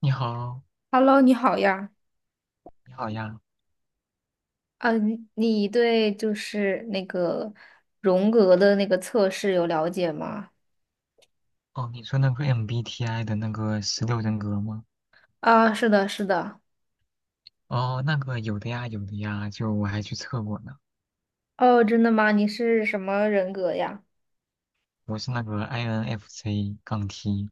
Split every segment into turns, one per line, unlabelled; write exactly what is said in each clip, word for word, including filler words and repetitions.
你好，
Hello，你好呀。
你好呀。
嗯，你对就是那个荣格的那个测试有了解吗？
哦，你说那个 M B T I 的那个十六人格吗？
啊，是的，是的。
哦，那个有的呀，有的呀，就我还去测过呢。
哦，真的吗？你是什么人格呀？
我是那个 I N F J 杠 T。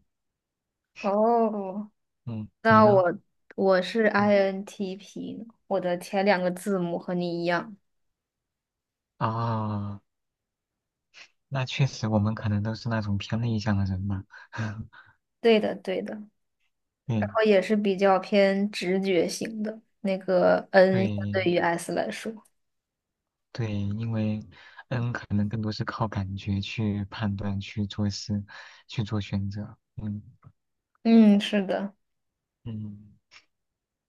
哦，
嗯，你
那
呢？
我我是
嗯，
I N T P，我的前两个字母和你一样。
哦，那确实，我们可能都是那种偏内向的人吧。
对的，对的。然
对
后也是比较偏直觉型的，那个 N 相对
对
于 S 来说。
对，因为 N 可能更多是靠感觉去判断、去做事、去做选择。嗯
嗯，是的。
嗯，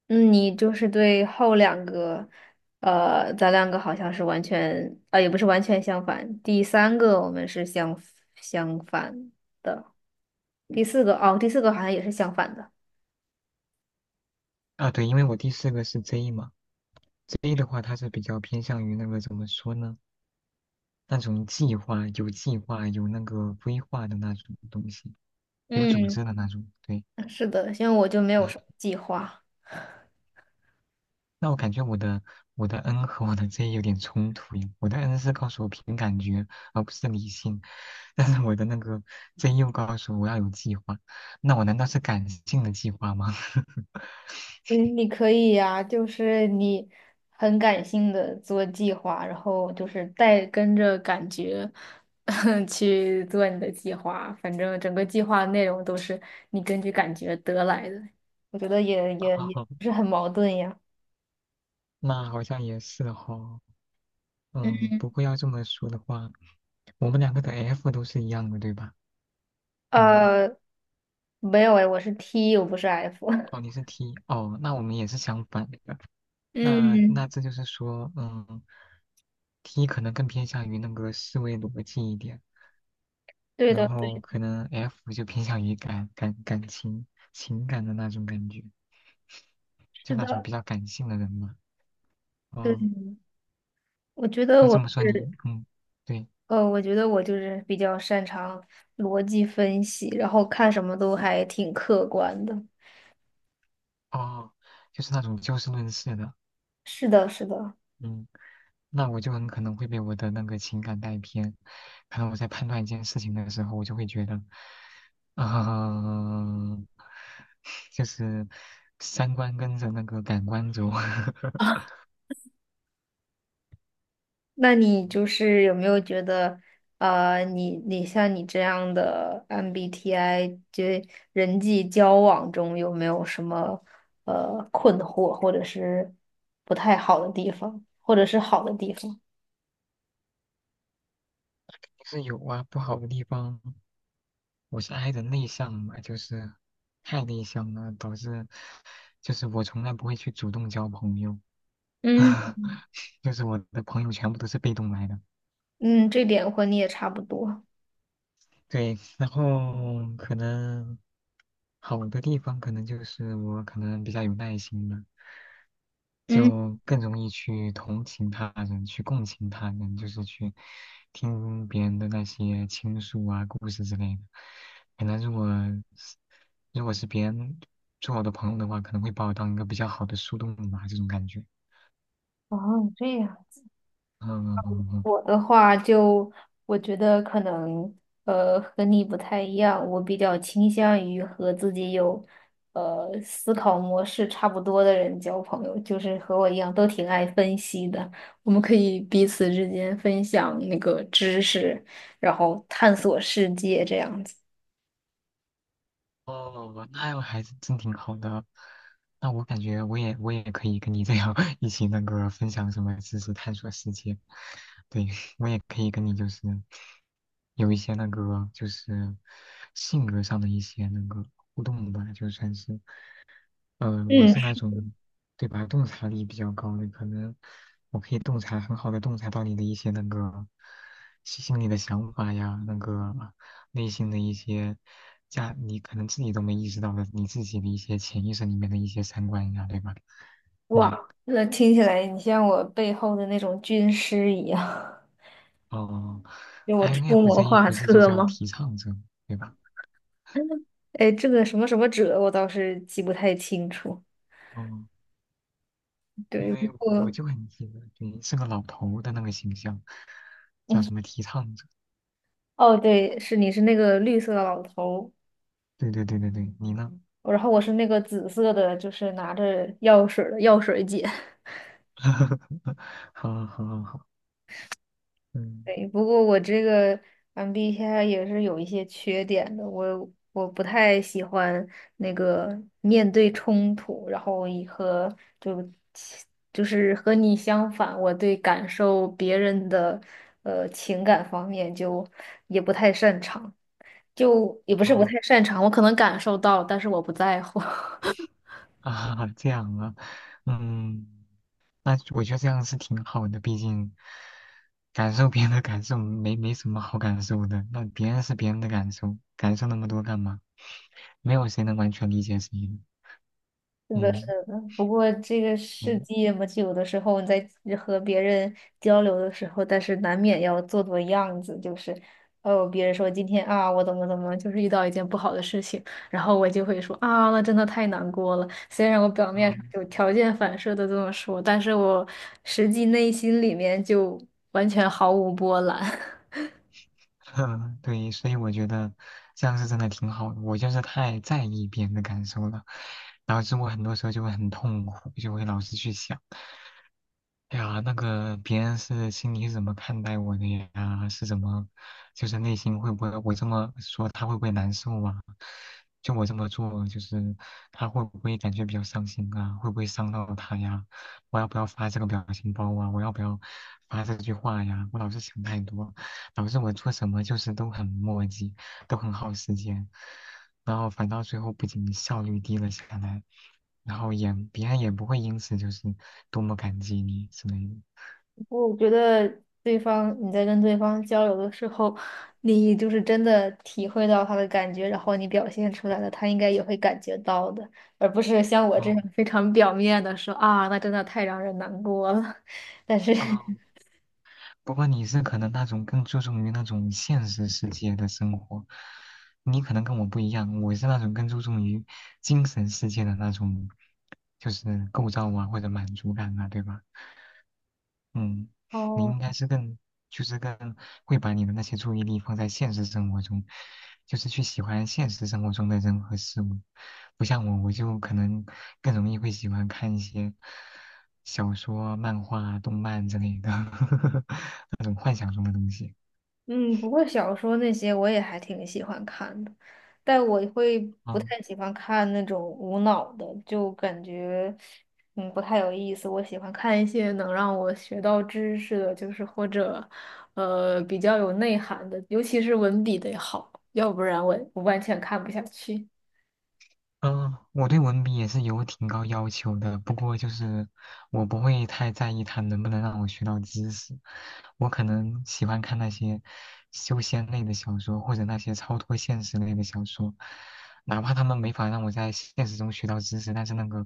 嗯，你就是对后两个，呃，咱两个好像是完全啊，也不是完全相反。第三个我们是相相反的，第四个哦，第四个好像也是相反的。
啊，对，因为我第四个是 J 嘛。A 的话，它是比较偏向于那个怎么说呢？那种计划、有计划、有那个规划的那种东西，有组
嗯，
织的那种。对，
是的，因为我就没有什么计划。
那我感觉我的我的 N 和我的 Z 有点冲突耶。我的 N 是告诉我凭感觉，而不是理性，但是我的那个 Z 又告诉我要有计划。那我难道是感性的计划吗？
嗯，你可以呀、就是你很感性的做计划，然后就是带跟着感觉 去做你的计划，反正整个计划内容都是你根据感觉得来的，我觉得也也也
哦，
不是很矛盾呀。
那好像也是哦。嗯，不过要这么说的话，我们两个的 F 都是一样的，对吧？嗯。
呃，没有哎，我是 T，我不是 F。
哦，你是 T 哦，那我们也是相反的。那
嗯，
那这就是说，嗯，T 可能更偏向于那个思维逻辑一点，
对
然
的，对，
后可能 F 就偏向于感感感情情感的那种感觉，就
是
那种
的，
比较感性的人嘛。
对，
哦，
我觉得
那
我
这么说你，
是。
嗯，对，
呃，我觉得我就是比较擅长逻辑分析，然后看什么都还挺客观的。
哦，就是那种就事论事的，
是的，是的。
嗯。那我就很可能会被我的那个情感带偏。可能我在判断一件事情的时候，我就会觉得，嗯、就是三观跟着那个感官走。
那你就
嗯
是有没有觉得，呃，你你像你这样的 M B T I，就人际交往中有没有什么呃困惑，或者是不太好的地方，或者是好的地方？
就是有啊，不好的地方，我是 I 人内向嘛，就是太内向了，导致就是我从来不会去主动交朋友，
嗯
就是我的朋友全部都是被动来的。
嗯，这点和你也差不多。
对，然后可能好的地方可能就是我可能比较有耐心吧，
嗯，
就更容易去同情他人，去共情他人，就是去听别人的那些倾诉啊、故事之类的。可能如果是如果是别人做我的朋友的话，可能会把我当一个比较好的树洞吧，这种感觉。
哦，这样。
嗯嗯嗯嗯
我的话就，我觉得可能呃和你不太一样，我比较倾向于和自己有呃思考模式差不多的人交朋友，就是和我一样都挺爱分析的。我们可以彼此之间分享那个知识，然后探索世界这样子。
哦，那样还是真挺好的。那我感觉我也我也可以跟你这样 一起那个分享什么知识，探索世界。对，我也可以跟你就是有一些那个就是性格上的一些那个互动吧，就算是。嗯、呃我
嗯，
是那种对吧，洞察力比较高的，可能我可以洞察很好的洞察到你的一些那个心心里的想法呀，那个内心的一些价，你可能自己都没意识到的，你自己的一些潜意识里面的一些三观呀，对吧？嗯，
哇，那听起来你像我背后的那种军师一样，
哦
就我出谋
，I N F J
划
不是就
策
叫
吗？
提倡者，对吧？
哎，这个什么什么者，我倒是记不太清楚。
哦，因
对，不
为我
过
就很记得你是个老头的那个形象，叫什么提倡者？
哦，对，是你是那个绿色的老头
对对对对对，你呢？
儿，然后我是那个紫色的，就是拿着药水儿的药水姐。
好好好好，嗯，
对，不过我这个 M B T I 也是有一些缺点的，我我不太喜欢那个面对冲突，然后以和就就是和你相反，我对感受别人的呃情感方面就也不太擅长，就也不是不
啊
太擅长，我可能感受到，但是我不在乎。
啊，这样啊，嗯，那我觉得这样是挺好的，毕竟感受别人的感受没没什么好感受的，那别人是别人的感受，感受那么多干嘛？没有谁能完全理解谁的，
是的，是
嗯
的。不过这个世
嗯
界嘛，就有的时候你在和别人交流的时候，但是难免要做做样子，就是哦，别人说今天啊，我怎么怎么，就是遇到一件不好的事情，然后我就会说啊，那真的太难过了。虽然我表面上
嗯，
就条件反射的这么说，但是我实际内心里面就完全毫无波澜。
对，所以我觉得这样是真的挺好的，我就是太在意别人的感受了，导致我很多时候就会很痛苦，就会老是去想。哎呀，那个别人是心里是怎么看待我的呀？是怎么，就是内心会不会我这么说他会不会难受啊？就我这么做，就是他会不会感觉比较伤心啊？会不会伤到他呀？我要不要发这个表情包啊？我要不要发这句话呀？我老是想太多，导致我做什么就是都很磨叽。都很耗时间，然后反倒最后不仅效率低了下来，然后也别人也不会因此就是多么感激你之类的。
我觉得对方你在跟对方交流的时候，你就是真的体会到他的感觉，然后你表现出来了，他应该也会感觉到的，而不是像我这
哦
样非常表面的说啊，那真的太让人难过了。但是，
哦，不过你是可能那种更注重于那种现实世界的生活，你可能跟我不一样，我是那种更注重于精神世界的那种，就是构造啊或者满足感啊，对吧？嗯，你
哦。
应该是更，就是更会把你的那些注意力放在现实生活中，就是去喜欢现实生活中的人和事物，不像我，我就可能更容易会喜欢看一些小说、漫画、动漫之类的 那种幻想中的东西。
嗯，不过小说那些我也还挺喜欢看的，但我会不
啊。
太喜欢看那种无脑的，就感觉嗯不太有意思。我喜欢看一些能让我学到知识的，就是或者呃比较有内涵的，尤其是文笔得好，要不然我我完全看不下去。
嗯，我对文笔也是有挺高要求的，不过就是我不会太在意它能不能让我学到知识，我可能喜欢看那些修仙类的小说，或者那些超脱现实类的小说，哪怕他们没法让我在现实中学到知识，但是那个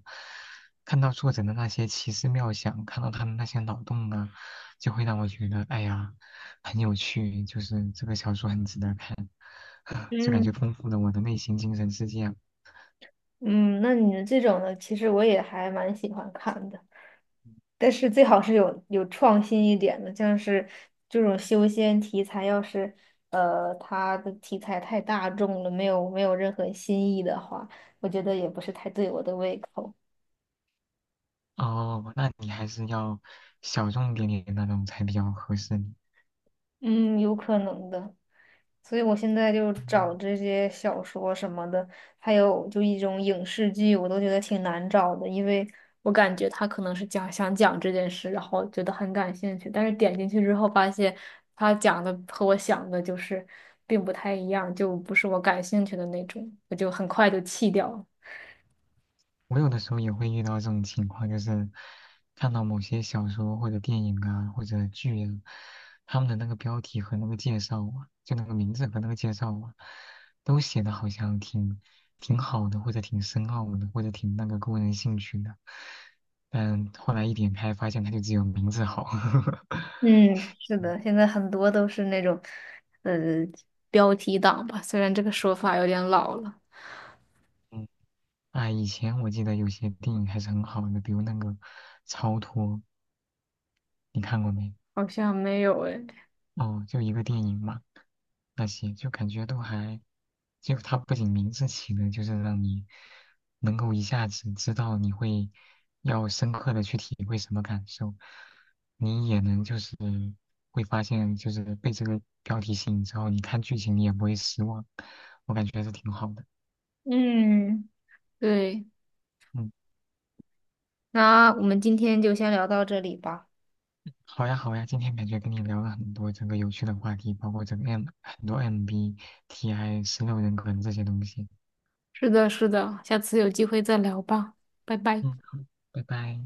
看到作者的那些奇思妙想，看到他们那些脑洞啊，就会让我觉得哎呀很有趣，就是这个小说很值得看，就感觉
嗯
丰富了我的内心精神世界啊。
嗯，那你的这种呢，其实我也还蛮喜欢看的。但是最好是有有创新一点的，像是这种修仙题材，要是呃它的题材太大众了，没有没有任何新意的话，我觉得也不是太对我的胃口。
哦，那你还是要小众点点那种才比较合适你。
嗯，有可能的。所以我现在就找
嗯
这些小说什么的，还有就一种影视剧，我都觉得挺难找的，因为我感觉他可能是讲想讲这件事，然后觉得很感兴趣，但是点进去之后发现他讲的和我想的就是并不太一样，就不是我感兴趣的那种，我就很快就弃掉了。
我有的时候也会遇到这种情况，就是看到某些小说或者电影啊或者剧啊，他们的那个标题和那个介绍啊，就那个名字和那个介绍啊，都写的好像挺挺好的，或者挺深奥的，或者挺那个勾人兴趣的。但后来一点开，发现它就只有名字好。
嗯，是的，现在很多都是那种，呃，标题党吧，虽然这个说法有点老了，
嗯啊，以前我记得有些电影还是很好的，比如那个《超脱》，你看过没？
好像没有诶。
哦，就一个电影嘛，那些就感觉都还，就它不仅名字起的，就是让你能够一下子知道你会要深刻的去体会什么感受，你也能就是会发现，就是被这个标题吸引之后，你看剧情你也不会失望，我感觉还是挺好的。
嗯，对，
嗯。
那我们今天就先聊到这里吧。
好呀，好呀，今天感觉跟你聊了很多整个有趣的话题，包括整个 M 很多 M B T I 十六人格这些东西。
是的，是的，下次有机会再聊吧，拜拜。
嗯，好，拜拜。